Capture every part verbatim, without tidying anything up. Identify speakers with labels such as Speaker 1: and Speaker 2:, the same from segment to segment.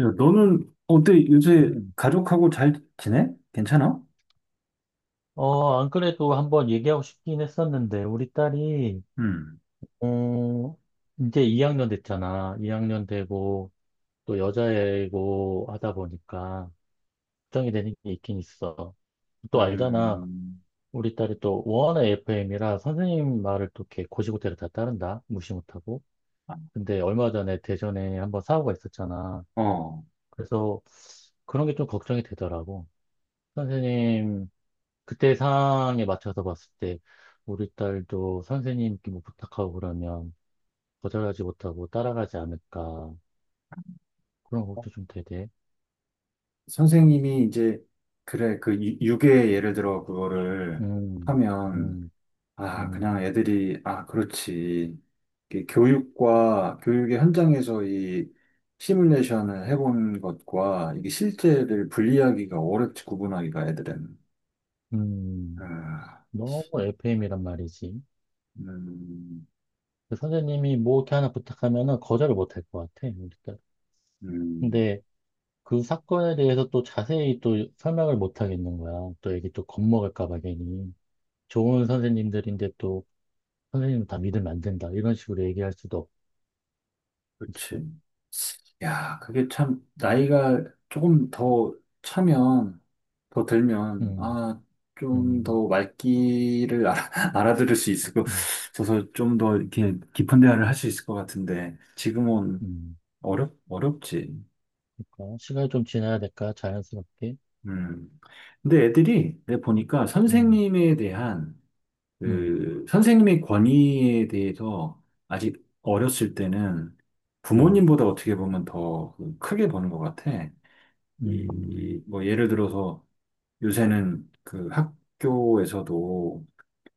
Speaker 1: 야, 너는 어때? 요새
Speaker 2: 음.
Speaker 1: 가족하고 잘 지내? 괜찮아?
Speaker 2: 어, 안 그래도 한번 얘기하고 싶긴 했었는데, 우리 딸이,
Speaker 1: 음,
Speaker 2: 어, 이제 이 학년 됐잖아. 이 학년 되고, 또 여자애고 하다 보니까, 걱정이 되는 게 있긴 있어. 또 알잖아.
Speaker 1: 음,
Speaker 2: 우리 딸이 또 워낙 에프엠이라 선생님 말을 또 이렇게 곧이곧대로 다 따른다. 무시 못하고.
Speaker 1: 아,
Speaker 2: 근데 얼마 전에 대전에 한번 사고가 있었잖아.
Speaker 1: 어,
Speaker 2: 그래서 그런 게 좀 걱정이 되더라고. 선생님 그때 상황에 맞춰서 봤을 때 우리 딸도 선생님께 뭐 부탁하고 그러면 거절하지 못하고 따라가지 않을까 그런 것도 좀 되대.
Speaker 1: 선생님이 이제, 그래, 그 유- 유괴 예를 들어 그거를
Speaker 2: 음,
Speaker 1: 하면,
Speaker 2: 음,
Speaker 1: 아,
Speaker 2: 음,
Speaker 1: 그냥 애들이, 아, 그렇지. 이게 교육과, 교육의 현장에서 이 시뮬레이션을 해본 것과 이게 실제를 분리하기가 어렵지, 구분하기가 애들은.
Speaker 2: 음.
Speaker 1: 아,
Speaker 2: 너무 에프엠이란 말이지.
Speaker 1: 음,
Speaker 2: 그 선생님이 뭐 이렇게 하나 부탁하면은 거절을 못 할 것 같아, 우리 딸.
Speaker 1: 음.
Speaker 2: 근데 그 사건에 대해서 또 자세히 또 설명을 못 하겠는 거야. 또 애기 또 겁먹을까 봐 괜히. 좋은 선생님들인데 또 선생님 다 믿으면 안 된다. 이런 식으로 얘기할 수도 없
Speaker 1: 그치. 야, 그게 참, 나이가 조금 더 차면, 더 들면,
Speaker 2: 지금.
Speaker 1: 아, 좀
Speaker 2: 음,
Speaker 1: 더 말귀를 알아, 알아들을 수 있을 것,
Speaker 2: 음,
Speaker 1: 그서좀 더 이렇게 깊은 대화를 할 수 있을 것 같은데, 지금은
Speaker 2: 음.
Speaker 1: 어렵, 어렵지.
Speaker 2: 그러니까 시간이 좀 지나야 될까? 자연스럽게.
Speaker 1: 음. 근데 애들이, 내가 보니까
Speaker 2: 음,
Speaker 1: 선생님에 대한,
Speaker 2: 음,
Speaker 1: 그, 선생님의 권위에 대해서 아직 어렸을 때는
Speaker 2: 음,
Speaker 1: 부모님보다 어떻게 보면 더 그 크게 보는 것 같아.
Speaker 2: 음,
Speaker 1: 이, 뭐 예를 들어서 요새는 그 학교에서도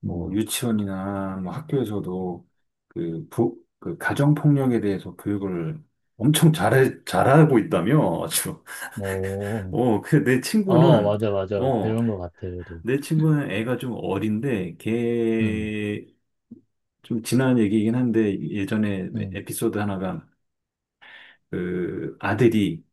Speaker 1: 뭐
Speaker 2: 음.
Speaker 1: 유치원이나 뭐 학교에서도 그, 부, 그 가정폭력에 대해서 교육을 엄청 잘 잘하고 있다며 아주
Speaker 2: 뭐,
Speaker 1: 어 그 내
Speaker 2: 아
Speaker 1: 친구는
Speaker 2: 맞아, 맞아.
Speaker 1: 어
Speaker 2: 배운 것 같아, 그래도.
Speaker 1: 내 친구는 애가 좀 어린데
Speaker 2: 음,
Speaker 1: 걔 좀 지난 얘기이긴 한데 예전에
Speaker 2: 음,
Speaker 1: 에피소드 하나가 그 아들이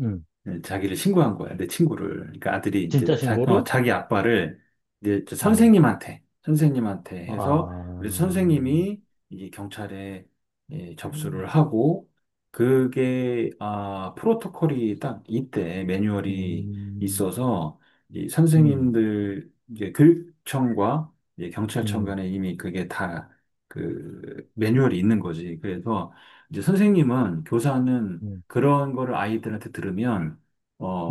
Speaker 2: 음.
Speaker 1: 음, 자기를 신고한 거야, 내 친구를. 그러니까 아들이 이제
Speaker 2: 진짜
Speaker 1: 자, 어,
Speaker 2: 신고로?
Speaker 1: 자기 아빠를 이제 저
Speaker 2: 어,
Speaker 1: 선생님한테, 선생님한테 해서,
Speaker 2: 아,
Speaker 1: 그래서
Speaker 2: 음,
Speaker 1: 선생님이 이제 경찰에 예, 접수를 하고, 그게, 아, 프로토콜이 딱 이때 매뉴얼이
Speaker 2: 음,
Speaker 1: 있어서, 이
Speaker 2: 음,
Speaker 1: 선생님들, 이제 교육청과 이제 경찰청
Speaker 2: 음,
Speaker 1: 간에 이미 그게 다 그 매뉴얼이 있는 거지. 그래서 이제 선생님은, 교사는 그런 거를 아이들한테 들으면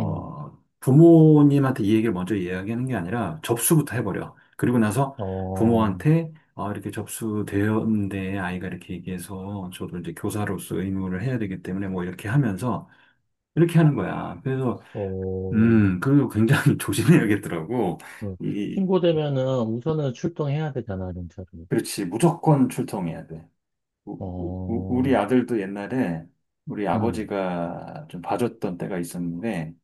Speaker 2: 음.
Speaker 1: 부모님한테 이 얘기를 먼저 이야기하는 게 아니라 접수부터 해버려. 그리고 나서
Speaker 2: 어,
Speaker 1: 부모한테 아, 이렇게 접수되었는데 아이가 이렇게 얘기해서 저도 이제 교사로서 의무를 해야 되기 때문에 뭐 이렇게 하면서 이렇게 하는 거야. 그래서
Speaker 2: 어,
Speaker 1: 음, 그리고 굉장히 조심해야겠더라고.
Speaker 2: 그
Speaker 1: 이,
Speaker 2: 신고되면은 우선은 출동해야 되잖아, 경찰로.
Speaker 1: 그렇지. 무조건 출동해야 돼. 우, 우,
Speaker 2: 어,
Speaker 1: 우리 아들도 옛날에 우리
Speaker 2: 음,
Speaker 1: 아버지가 좀 봐줬던 때가 있었는데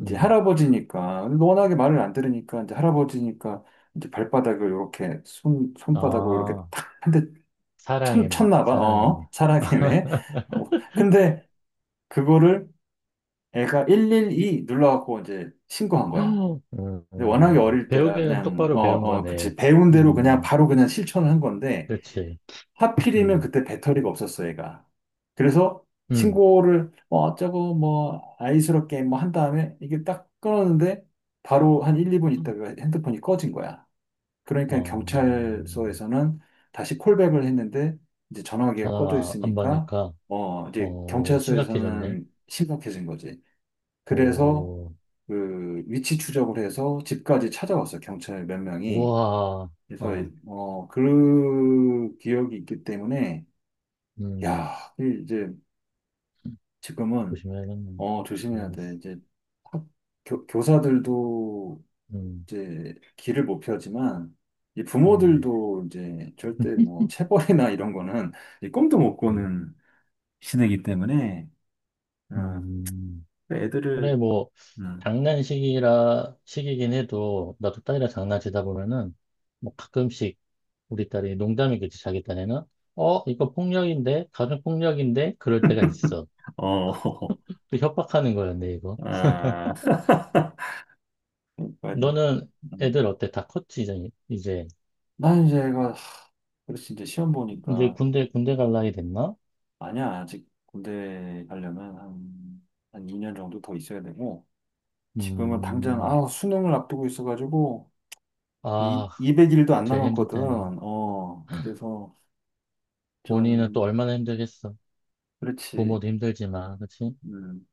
Speaker 1: 이제
Speaker 2: 음.
Speaker 1: 할아버지니까 워낙에 말을 안 들으니까 이제 할아버지니까 이제 발바닥을 이렇게 손 손바닥으로 이렇게
Speaker 2: 아.
Speaker 1: 탁 한 대
Speaker 2: 사랑의 맥,
Speaker 1: 쳤나 봐.
Speaker 2: 사랑의 맥.
Speaker 1: 어, 사랑해매. 어, 근데 그거를 애가 일일이 눌러갖고 이제 신고한 거야.
Speaker 2: 음,
Speaker 1: 근데
Speaker 2: 음,
Speaker 1: 워낙에 어릴 때라
Speaker 2: 배우기는
Speaker 1: 그냥 어,
Speaker 2: 똑바로 배운
Speaker 1: 어,
Speaker 2: 거네.
Speaker 1: 그치. 배운 대로 그냥
Speaker 2: 음,
Speaker 1: 바로 그냥 실천을 한 건데
Speaker 2: 그렇지.
Speaker 1: 하필이면
Speaker 2: 음,
Speaker 1: 그때 배터리가 없었어, 얘가. 그래서
Speaker 2: 음.
Speaker 1: 신고를 뭐 어쩌고 뭐 아이스럽게 뭐 한 다음에 이게 딱 끊었는데 바로 한 한, 이 분 있다가 핸드폰이 꺼진 거야. 그러니까
Speaker 2: 어,
Speaker 1: 경찰서에서는 다시 콜백을 했는데 이제 전화기가 꺼져
Speaker 2: 전화 안
Speaker 1: 있으니까
Speaker 2: 받으니까,
Speaker 1: 어 이제
Speaker 2: 어, 심각해졌네.
Speaker 1: 경찰서에서는 심각해진 거지. 그래서
Speaker 2: 오,
Speaker 1: 그 위치 추적을 해서 집까지 찾아왔어, 경찰 몇 명이.
Speaker 2: 우와,
Speaker 1: 그래서
Speaker 2: 어,
Speaker 1: 어 그 기억이 있기 때문에
Speaker 2: 음,
Speaker 1: 야, 이- 이제 지금은
Speaker 2: 조심해야겠네.
Speaker 1: 어 조심해야 돼.
Speaker 2: 조심해야겠어.
Speaker 1: 이제 학- 교, 교사들도
Speaker 2: 음,
Speaker 1: 이제 길을 못 펴지만 이
Speaker 2: 음,
Speaker 1: 부모들도 이제 절대 뭐 체벌이나 이런 거는 이 꿈도 못
Speaker 2: 음,
Speaker 1: 꾸는 시대이기 때문에 어,
Speaker 2: 음.
Speaker 1: 그
Speaker 2: 그래,
Speaker 1: 애들을
Speaker 2: 뭐,
Speaker 1: 음,
Speaker 2: 장난식이라, 식이긴 해도, 나도 딸이랑 장난치다 보면은, 뭐, 가끔씩 우리 딸이 농담이겠지, 자기 딴에는. 어, 이거 폭력인데? 가정폭력인데? 그럴 때가 있어.
Speaker 1: 어,
Speaker 2: 또 협박하는 거였네, 이거.
Speaker 1: 아, 그러니까
Speaker 2: 너는
Speaker 1: 음.
Speaker 2: 애들 어때? 다 컸지, 이제? 이제
Speaker 1: 난 이제 애가 하, 그래서 이제 시험
Speaker 2: 이제
Speaker 1: 보니까
Speaker 2: 군대, 군대 갈 나이 됐나?
Speaker 1: 아니야 아직 군대 가려면 한, 한 이 년 정도 더 있어야 되고. 지금은 당장,
Speaker 2: 음,
Speaker 1: 아, 수능을 앞두고 있어가지고, 이,
Speaker 2: 아,
Speaker 1: 이백 일도 안
Speaker 2: 제일 힘들
Speaker 1: 남았거든.
Speaker 2: 때는.
Speaker 1: 어, 그래서
Speaker 2: 본인은 또
Speaker 1: 좀,
Speaker 2: 얼마나 힘들겠어.
Speaker 1: 그렇지.
Speaker 2: 부모도 힘들지만, 그치?
Speaker 1: 음.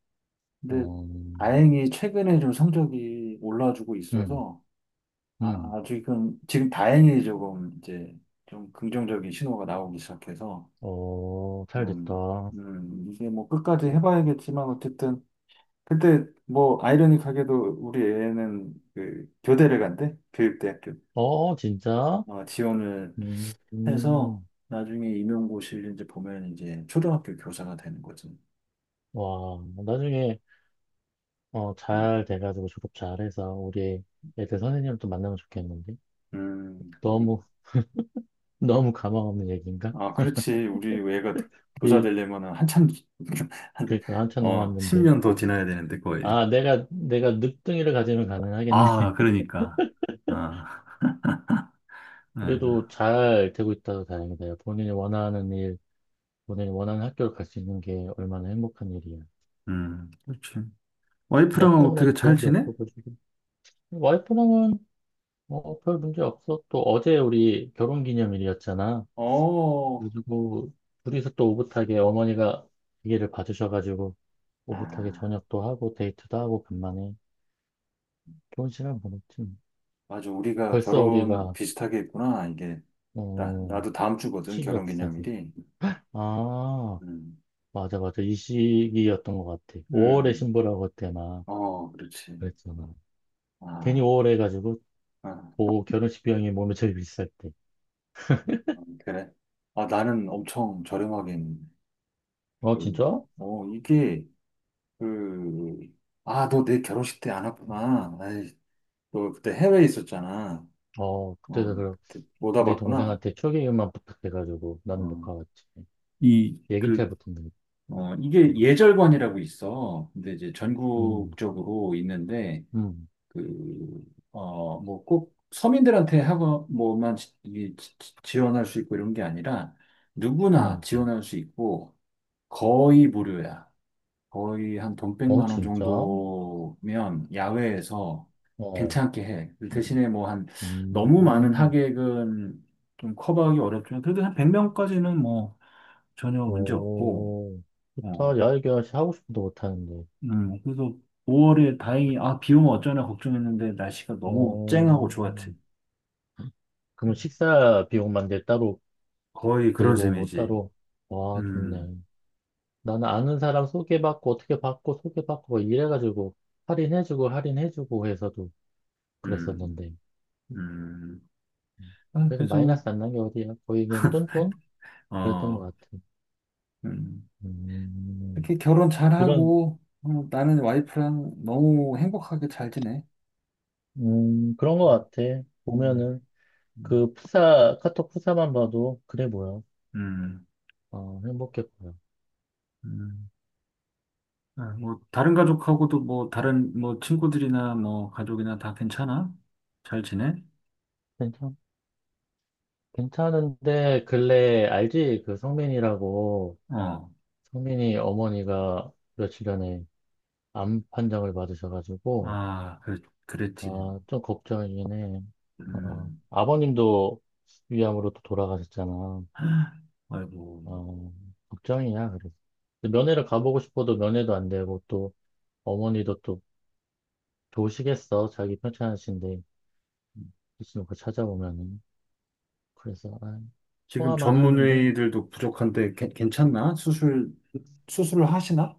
Speaker 1: 근데
Speaker 2: 어,
Speaker 1: 다행히 최근에 좀 성적이 올라주고
Speaker 2: 음,
Speaker 1: 있어서,
Speaker 2: 음.
Speaker 1: 아, 지금, 지금 다행히 조금 이제 좀 긍정적인 신호가 나오기 시작해서,
Speaker 2: 어, 잘
Speaker 1: 음,
Speaker 2: 됐다.
Speaker 1: 음, 이게 뭐 끝까지 해봐야겠지만, 어쨌든, 그때 뭐 아이러니하게도 우리 애는 그 교대를 간대, 교육대학교.
Speaker 2: 어, 진짜?
Speaker 1: 어, 지원을
Speaker 2: 음,
Speaker 1: 해서
Speaker 2: 음.
Speaker 1: 나중에 임용고시를 이제 보면 이제 초등학교 교사가 되는 거지.
Speaker 2: 와, 나중에, 어,
Speaker 1: 음,
Speaker 2: 잘 돼가지고 졸업 잘해서 우리 애들 선생님 또 만나면 좋겠는데?
Speaker 1: 음, 어.
Speaker 2: 너무, 너무 가망 없는 얘기인가?
Speaker 1: 아, 그렇지. 우리 애가 교사
Speaker 2: 우리,
Speaker 1: 되려면은 한참, 한,
Speaker 2: 그러니까 한참
Speaker 1: 어,
Speaker 2: 남았는데.
Speaker 1: 십 년 더 지나야 되는데, 거의.
Speaker 2: 아, 내가, 내가 늦둥이를 가지면 가능하겠네.
Speaker 1: 아, 그러니까. 아, 아이고.
Speaker 2: 그래도 잘 되고 있다고 다행이다. 본인이 원하는 일, 본인이 원하는 학교를 갈 수 있는 게 얼마나 행복한 일이야.
Speaker 1: 음, 그렇지. 와이프랑
Speaker 2: 나 때문에도
Speaker 1: 어떻게 잘
Speaker 2: 그런 게
Speaker 1: 지내?
Speaker 2: 없어가지고. 와이프랑은, 어, 별 문제 없어. 또 어제 우리 결혼 기념일이었잖아.
Speaker 1: 어,
Speaker 2: 그리고 둘이서 또 오붓하게 어머니가 기계를 봐주셔가지고 오붓하게
Speaker 1: 아,
Speaker 2: 저녁도 하고 데이트도 하고 간만에 좋은 시간 보냈지.
Speaker 1: 맞아. 우리가
Speaker 2: 벌써
Speaker 1: 결혼
Speaker 2: 우리가
Speaker 1: 비슷하게 했구나. 이게, 나,
Speaker 2: 어,
Speaker 1: 나도 다음 주거든,
Speaker 2: 시기가
Speaker 1: 결혼
Speaker 2: 비싸지.
Speaker 1: 기념일이.
Speaker 2: 아
Speaker 1: 음,
Speaker 2: 맞아 맞아 이 시기였던 것 같아. 오월에
Speaker 1: 음,
Speaker 2: 신부라고 그때 막
Speaker 1: 어, 그렇지.
Speaker 2: 그랬잖아. 괜히
Speaker 1: 아,
Speaker 2: 오월 해가지고
Speaker 1: 아,
Speaker 2: 뭐 결혼식 비용이 몸에 제일 비쌀 때.
Speaker 1: 아, 그래. 아, 나는 엄청 저렴하긴.
Speaker 2: 어
Speaker 1: 그,
Speaker 2: 진짜?
Speaker 1: 어, 이게, 그, 아, 너 내 결혼식 때 안 왔구나. 아이, 너 그때 해외에 있었잖아.
Speaker 2: 어 그때도
Speaker 1: 어,
Speaker 2: 그럼
Speaker 1: 그때 못
Speaker 2: 내
Speaker 1: 와봤구나.
Speaker 2: 동생한테 초기만 부탁해가지고 나는 못
Speaker 1: 어,
Speaker 2: 가봤지.
Speaker 1: 이,
Speaker 2: 얘기를
Speaker 1: 그,
Speaker 2: 잘 못했는데.
Speaker 1: 어, 이게 예절관이라고 있어. 근데 이제
Speaker 2: 음
Speaker 1: 전국적으로 있는데,
Speaker 2: 음,
Speaker 1: 그, 어, 뭐 꼭 서민들한테 하고, 뭐만 지- 이- 지- 지원할 수 있고 이런 게 아니라, 누구나
Speaker 2: 음.
Speaker 1: 지원할 수 있고, 거의 무료야. 거의 한 돈
Speaker 2: 어,
Speaker 1: 백만 원
Speaker 2: 진짜?
Speaker 1: 정도면 야외에서
Speaker 2: 어,
Speaker 1: 괜찮게 해. 대신에 뭐 한 너무 많은
Speaker 2: 음,
Speaker 1: 하객은 좀 커버하기 어렵지만 그래도 한 백 명까지는 뭐 전혀 문제 없고.
Speaker 2: 오,
Speaker 1: 어,
Speaker 2: 좋다.
Speaker 1: 그-
Speaker 2: 야, 이게 하고 싶어도 못하는데.
Speaker 1: 음, 그래서 오월에 다행히 아, 비 오면 어쩌나 걱정했는데 날씨가 너무
Speaker 2: 어,
Speaker 1: 쨍하고 좋았지.
Speaker 2: 그럼 식사 비용만 내 따로
Speaker 1: 거의 그런
Speaker 2: 들고, 뭐
Speaker 1: 셈이지.
Speaker 2: 따로. 와,
Speaker 1: 음,
Speaker 2: 좋네. 나는 아는 사람 소개받고, 어떻게 받고, 소개받고, 뭐 이래가지고, 할인해주고, 할인해주고 해서도
Speaker 1: 음,
Speaker 2: 그랬었는데.
Speaker 1: 음.
Speaker 2: 음,
Speaker 1: 아,
Speaker 2: 그래도
Speaker 1: 그래서
Speaker 2: 마이너스 안 난 게 어디야? 거의 그냥 똔똔? 그랬던
Speaker 1: 어.
Speaker 2: 것 같아.
Speaker 1: 음.
Speaker 2: 음,
Speaker 1: 이렇게 결혼
Speaker 2: 그런,
Speaker 1: 잘하고 어, 나는 와이프랑 너무 행복하게 잘 지내.
Speaker 2: 음, 그런 것 같아.
Speaker 1: 음,
Speaker 2: 보면은.
Speaker 1: 음.
Speaker 2: 그 프사, 카톡 프사만 봐도, 그래 뭐야.
Speaker 1: 음,
Speaker 2: 어, 행복했 보여.
Speaker 1: 음. 아, 뭐, 다른 가족하고도 뭐, 다른, 뭐, 친구들이나 뭐, 가족이나 다 괜찮아? 잘 지내?
Speaker 2: 괜찮, 괜찮은데, 근래, 알지? 그 성민이라고,
Speaker 1: 어,
Speaker 2: 성민이 어머니가 며칠 전에 암 판정을 받으셔가지고,
Speaker 1: 아, 그, 그랬지.
Speaker 2: 아, 좀 걱정이긴 해. 어,
Speaker 1: 음,
Speaker 2: 아버님도 위암으로 또 돌아가셨잖아.
Speaker 1: 아이고.
Speaker 2: 어, 걱정이야, 그래서. 근데 면회를 가보고 싶어도 면회도 안 되고, 또, 어머니도 또 좋으시겠어. 자기 편찮으신데, 있으면 그 찾아보면은. 그래서 아,
Speaker 1: 지금
Speaker 2: 화만 하는데
Speaker 1: 전문의들도 부족한데, 괜- 괜찮나? 수술, 수술을 하시나?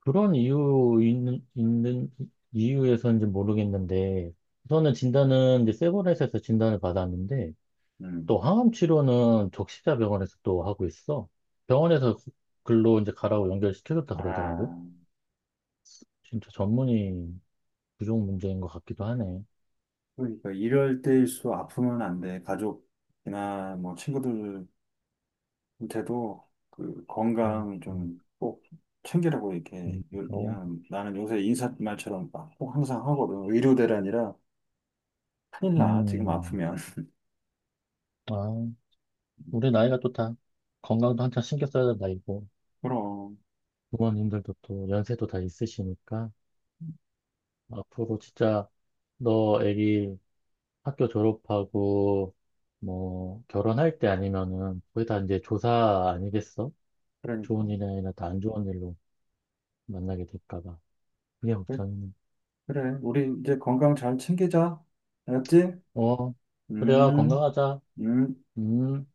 Speaker 2: 그런 이유 있는, 있는 이유에서인지 모르겠는데 우선은 진단은 이제 세브란스에서 진단을 받았는데 또
Speaker 1: 음,
Speaker 2: 항암 치료는 적시자 병원에서 또 하고 있어. 병원에서 글로 이제 가라고 연결시켜줬다 그러더라고.
Speaker 1: 아,
Speaker 2: 진짜 전문의 부족 문제인 것 같기도 하네.
Speaker 1: 그러니까 이럴 때일수록 아프면 안 돼. 가족이나 뭐, 친구들 한테도 그
Speaker 2: 어,
Speaker 1: 건강
Speaker 2: 음,
Speaker 1: 좀 꼭 챙기라고 이렇게
Speaker 2: 음,
Speaker 1: 요-
Speaker 2: 또,
Speaker 1: 그냥 나는 요새 인사말처럼 막 꼭 항상 하거든. 의료 대란이라 큰일 나. 지금
Speaker 2: 음,
Speaker 1: 아프면.
Speaker 2: 아, 우리 나이가 또 다 건강도 한참 신경 써야 될 나이고
Speaker 1: 그럼.
Speaker 2: 부모님들도 또 연세도 다 있으시니까 앞으로 진짜 너 애기 학교 졸업하고 뭐 결혼할 때 아니면은 거의 다 이제 조사 아니겠어?
Speaker 1: 그러니까.
Speaker 2: 좋은 일이 아니라 다 안 좋은 일로 만나게 될까 봐. 그게
Speaker 1: 그래.
Speaker 2: 걱정이네.
Speaker 1: 그래. 우리 이제 건강 잘 챙기자. 알았지?
Speaker 2: 어, 그래야
Speaker 1: 음.
Speaker 2: 건강하자.
Speaker 1: 음.
Speaker 2: 음.